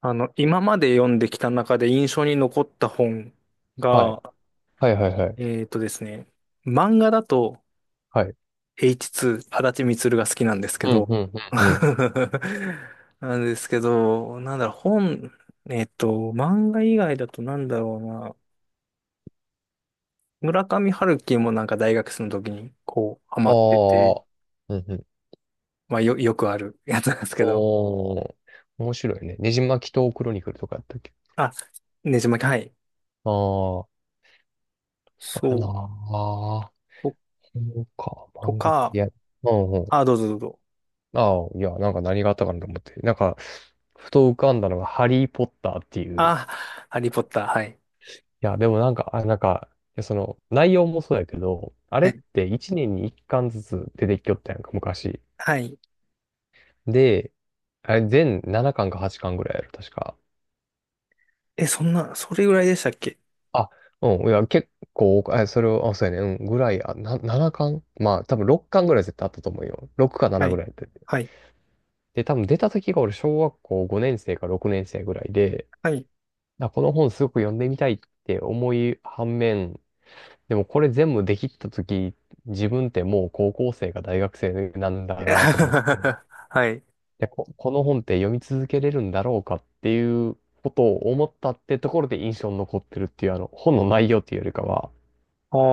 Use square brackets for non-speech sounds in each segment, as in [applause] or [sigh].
今まで読んできた中で印象に残った本はい。が、はいはいはい。えーとですね、漫画だと はい。H2、足立みつるが好きなんですけうん、ど、うん、うん、うん。[laughs] なんですけど、なんだろう、本、えっと、漫画以外だとなんだろうな、村上春樹もなんか大学生の時にこう、ハマってて、ああ。うんうん。まあよくある [laughs] やつなんですけど、おー。面白いね。ねじ巻きとクロニクルとかやったっけ。あ、ねじ巻き、はい。ああー、そうやそなう、あ。と、そうか、と漫画か。いか、や、うんうん。あ、どうぞどうぞ。ああ、いや、なんか何があったかなと思って。なんか、ふと浮かんだのが、ハリー・ポッターっていう。あ、ハリーポッター、はい。いや、でもなんか、あ、なんか、いやその、内容もそうやけど、あれって1年に1巻ずつ出てきよったやんか、昔。はい。で、あれ、全7巻か8巻ぐらいやろ、確か。え、そんな、それぐらいでしたっけ？あ、うん、いや、結構、えそれを、あ、そうやね、うん、ぐらい、7巻まあ、多分6巻ぐらい絶対あったと思うよ。6かは7ぐい。らいやってて。はい。で、多分出た時が俺、小学校5年生か6年生ぐらいで、はい。あ、この本すごく読んでみたいって思い反面、でもこれ全部できた時、自分ってもう高校生か大学生なん [laughs] だなと思って、はい。で、この本って読み続けれるんだろうかっていうことを思ったってところで印象に残ってるっていう、あの、本の内容っていうよりかは、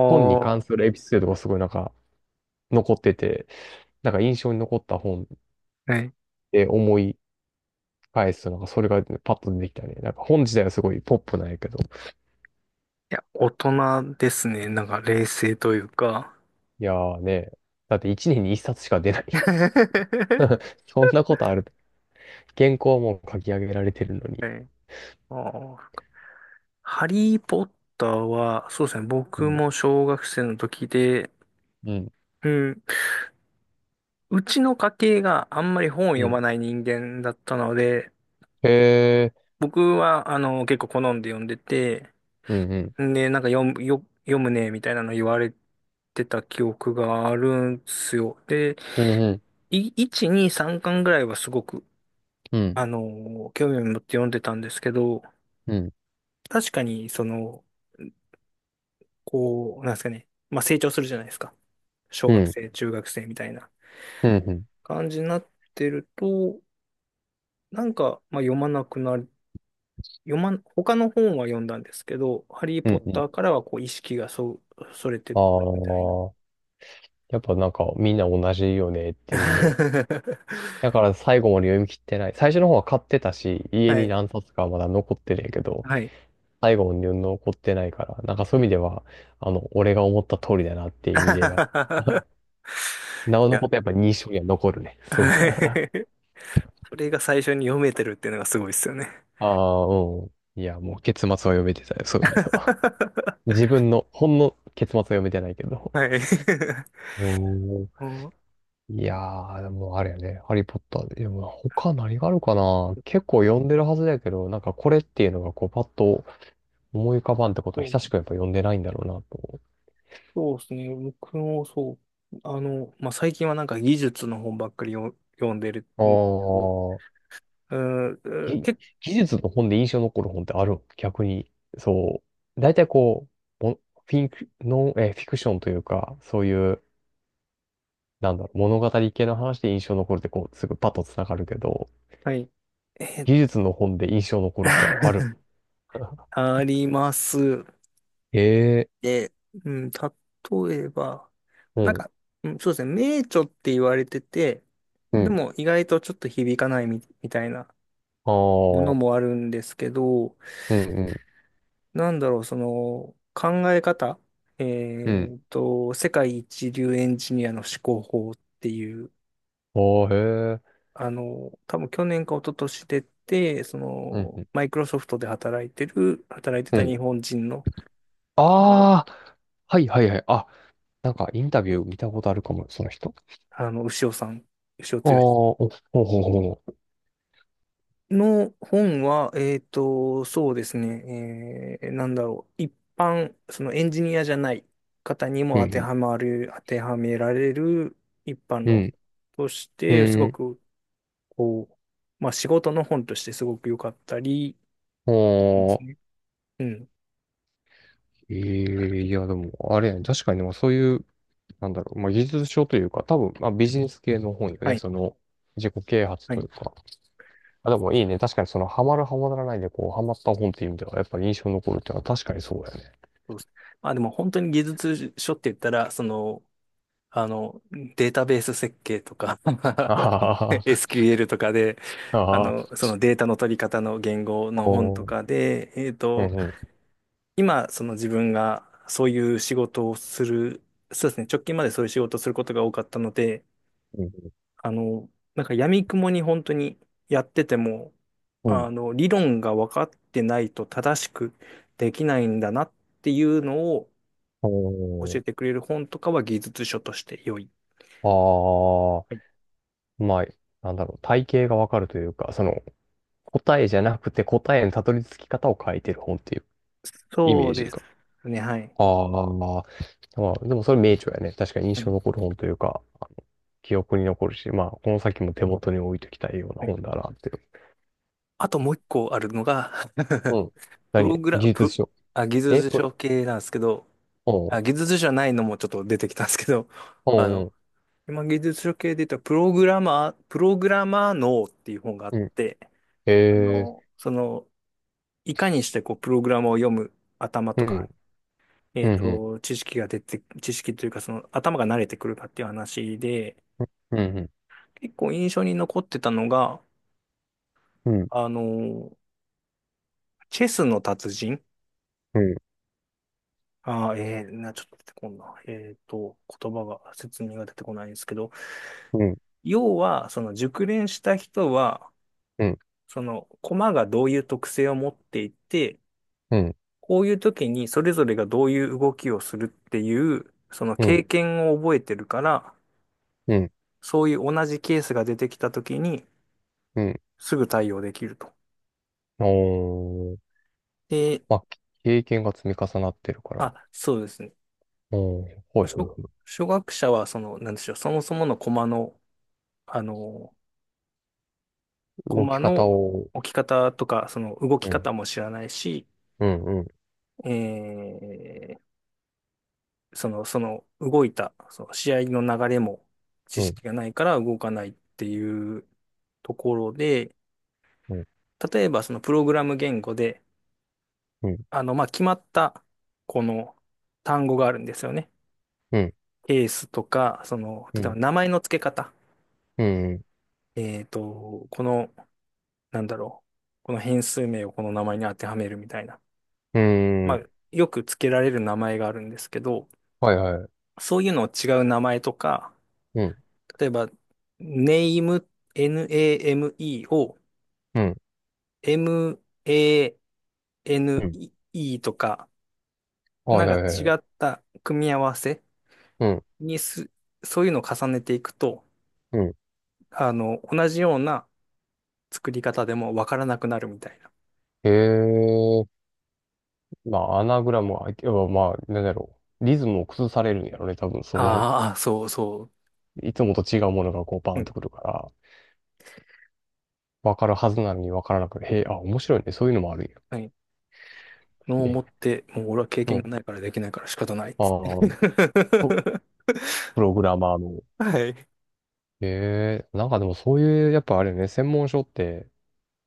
本にー。関するエピソードがすごいなんか残ってて、なんか印象に残った本はい。いで思い返すと、なんかそれがパッと出てきたね。なんか本自体はすごいポップなんやけど。や、大人ですね。なんか冷静というか。いやーね、だって1年に1冊しか出ない [laughs] よ。[laughs] はそんなことある。原稿はもう書き上げられてるのに。い。あー、ハリー・ポッターは、そうですね。う僕ん、も小学生の時で、うん、うん。うちの家系があんまり本をう読まん。ない人間だったので、へえ、僕は、結構好んで読んでて、うん、うん、で、なんか読むね、みたいなの言われてた記憶があるんすよ。で、うん、うん、1、2、3巻ぐらいはすごく、うん、興味を持って読んでたんですけど、うん、確かに、その、こう、なんですかね、まあ成長するじゃないですか。小う学ん、生、中学生みたいなうん、感じになってると、なんか、まあ読まなくなる、読まん、他の本は読んだんですけど、ハリー・うポッん、うん。ターからはこう意識がそ、それてっあたみたいな。あ、やっぱなんかみんな同じよねっていう。 [laughs] だから最後まで読み切ってない。最初の方は買ってたし、家はにい。何冊かはまだ残ってるんやけど、はい。最後まで残ってないから、なんかそういう意味では、あの、俺が思った通りだなっていう意味では、[laughs] [laughs] なおいのや、ことやっぱ印象には残るね。[laughs] そういう意味はでは。い。それが最初に読めてるっていうのがすごいですよね。[laughs] ああ、うん。いや、もう結末は読めてたよ、そういう意味では。[laughs] 自分の、ほんの結末は読めてないけど。はい。[laughs] おん。うん、いやー、でもあれやね、ハリーポッターで、でも他何があるかな、結構読んでるはずだけど、なんかこれっていうのがこうパッと思い浮かばんってことはそ久う、しくやっぱ読んでないんだろうなと。そうですね。僕もそう。まあ、最近はなんか技術の本ばっかりよ読んでるあんですけど、あ、うん、うんぎけ、技術の本で印象に残る本ってあるの逆に。そう。大体こう、もフィンク、ノン、えー、フィクションというか、そういう、なんだろう、物語系の話で印象に残るってこう、すぐパッとつながるけど、はい。えー 技術の本で印象に残るってある。[laughs] [laughs] あります。ええ、で、うん、例えば、うなんん。か、うん、そうですね、名著って言われてて、うでん、も意外とちょっと響かないみたいなあものあ、もあるんですけど、うん、うん、なんだろう、その考え方、うえん、世界一流エンジニアの思考法っていう、ああ、へえ。多分去年か一昨年出て、そうん、うの、ん。マイクロソフトで働いてる、働いてうた日ん本人の方の、ああ、はいはいはい。あ、なんかインタビュー見たことあるかも、その人。牛尾さん、牛尾ああ、剛お、ほうほうほうほの本は、そうですね、なんだろう、そのエンジニアじゃない方にう。もう当てん、はまる、当てはめられる一般う論ん、としうて、すごん、く、こう、まあ仕事の本としてすごく良かったり、うでんあすあ、ね。うん。ええいや、でも、あれやね、確かに、でもそういう、なんだろう、まあ、技術書というか、多分、まあ、ビジネス系の本よはね、い。その、自己啓発はといい。うか。あ、でもいいね、確かにその、ハマるハマらないで、こう、ハマった本っていう意味では、やっぱ印象に残るっていうのは確かにそうだよね。そうです。まあでも本当に技術書って言ったら、その、あの、データベース設計とか あは [laughs] はは、SQL とかで、ああ、そのデータの取り方の言語おの本とーかで、うん、う今、その自分がそういう仕事をする、そうですね、直近までそういう仕事をすることが多かったので、ん、あの、なんか闇雲に本当にやってても、うん、うん、理論が分かってないと正しくできないんだなっていうのをお教ーえてくれる本とかは技術書として良い。ああ、まあ、なんだろう、体系がわかるというか、その、答えじゃなくて答えのたどり着き方を書いてる本っていうイメそーうジですが。ね、はい。ああ、まあ、まあでもそれ名著やね。確かには印象い。残る本というか、あの記憶に残るし、まあ、この先も手元に置いときたいようなはい。本だなっていう。あと、もう一個あるのが う [laughs] ん。プ何ログラ技術プ、書。あ、技え、術ぷ、書系なんですけど、お、あ、技術書じゃないのもちょっと出てきたんですけど、う [laughs] あん、うの、ん、今技術書系で言ったらプログラマー脳っていう本があっうん。て、へえ、その、いかにしてこう、プログラムを読む頭うとん、か、うん、うん、知識が出て、知識というかその頭が慣れてくるかっていう話で、うん、結構印象に残ってたのが、うん、あのチェスの達人、うん、ちょっと出てこんな。言葉が、説明が出てこないんですけど、うん、要は、その熟練した人は、うん、その駒がどういう特性を持っていて、うん、うん、こういう時にそれぞれがどういう動きをするっていう、そのうん、経験を覚えてるから、うん、そういう同じケースが出てきた時に、うん、すぐ対応できると。おー、で、まあ、経験が積み重なってるから、あ、そうですね。おー、ほいほい初、ほい。初学者は、その、なんでしょう、そもそもの駒の、あのコ動きマ方のを、置き方とか、その動きうん、方も知らないし、うん、うん、えーその動いた、その試合の流れも知うん、識がないから動かないっていうところで、うん、例えばそのプログラム言語で、うん、まあ、決まったこの単語があるんですよね。うん、ケースとか、その、うん、う例えばん、名前の付け方。この、なんだろう。この変数名をこの名前に当てはめるみたいな。うん、まうあ、ん、よく付けられる名前があるんですけど、はいはい、そういうのを違う名前とか、うん、例えば、name, name を うん、mane うん、とか、はないんかはいは違い、った組み合わせうん、にす、そういうのを重ねていくと、うん。同じような作り方でもわからなくなるみたいな。へえ、まあ、アナグラムは、要はまあ、なんだろう。リズムを崩されるんやろね。多分、その、ああ、そうそいつもと違うものがこう、バう。うーンとくん。るから、わかるはずなのにわからなくて、へえ、あ、面白いね。そういうのもあるんや。はい。のを持っえ、て、もう俺は経う験がん。ないからできないから仕方ないっつって。ああ、プ [laughs] プログラマーの。はい。へえ、なんかでもそういう、やっぱあれよね、専門書って、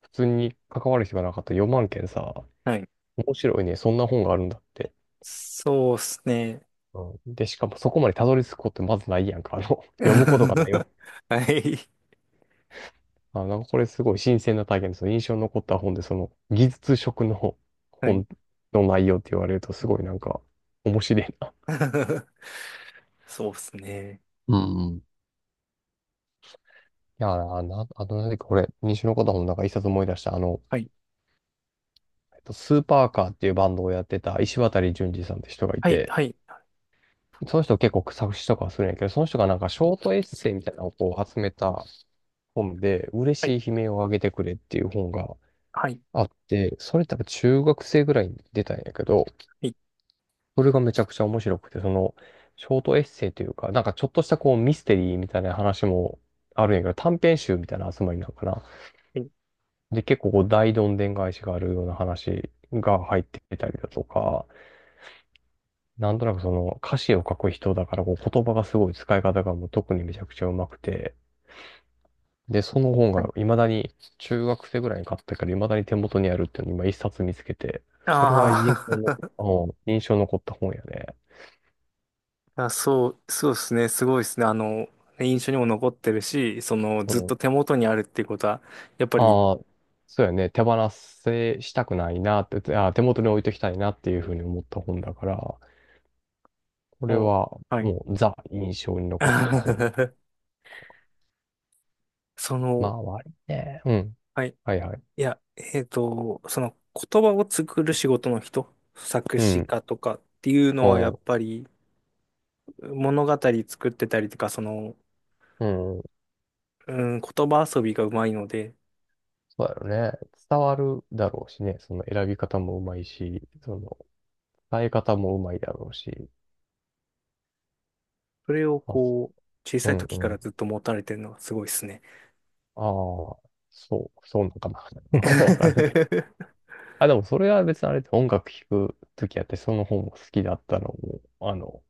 普通に関わる人がなかった4万件さ、はい。面白いね、そんな本があるんだって。そうっすね。うんで、しかもそこまでたどり着くことまずないやんか。あの、[laughs] [laughs] 読むことがないわけ。はい。あ、なんかこれすごい新鮮な体験です。その印象に残った本で、その技術職のはい。本の内容って言われるとすごいなんか面白いな。[laughs] そうっすね。うんうん。いや、あとなんかこれ、西の方本の中一冊思い出した、あの、はい。えっとスーパーカーっていうバンドをやってた石渡淳二さんって人がいはい。て、はい。その人結構作詞とかはするんやけど、その人がなんかショートエッセイみたいなのをこう集めた本で、はい。嬉しい悲鳴をあげてくれっていう本がはい。あって、それ多分中学生ぐらいに出たんやけど、それがめちゃくちゃ面白くて、その、ショートエッセイというか、なんかちょっとしたこうミステリーみたいな話もあるんやけど、短編集みたいな集まりなのかな。はい。で、結構こう大どんでん返しがあるような話が入ってきたりだとか、なんとなくその歌詞を書く人だからこう言葉がすごい使い方がもう特にめちゃくちゃうまくて、で、その本はがい。未だに、中学生ぐらいに買ったから未だに手元にあるっていうのを今一冊見つけて、それは印あ象の、ー うん印象残った本やね。[laughs] あ、そう、そうっすね。すごいっすね。印象にも残ってるし、その、うずっん。と手元にあるっていうことは、やっぱり、ああ、そうやね。手放せしたくないなって、あー、手元に置いときたいなっていうふうに思った本だから、これもはう、はい。もうザ印象に残った本。[laughs] そまの、あ、りね。うん。はい。はいはい。いや、その、言葉を作る仕事の人、作う詞ん。家とかっていううのは、やっん。ぱり、物語作ってたりとか、その、うん。うん、言葉遊びがうまいので、そうだよね。伝わるだろうしね。その選び方もうまいし、その伝え方もうまいだろうし。それをあ、こう、小うさいんう時からん。ずっと持たれてるのがすごいですね。ああ、そう、そうなのかな。[laughs] わからんけど。[laughs] あ、でもそれは別にあれって音楽聴くときやって、その本も好きだったのも、あの、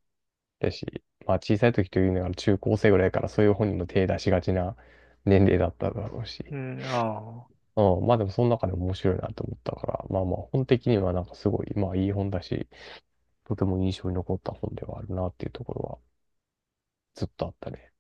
だし、まあ小さい時というのが中高生ぐらいからそういう本にも手出しがちな年齢だっただろうし。うん、ああ。うん、まあでもその中でも面白いなと思ったから、まあまあ本的にはなんかすごい、まあいい本だし、とても印象に残った本ではあるなっていうところはずっとあったね。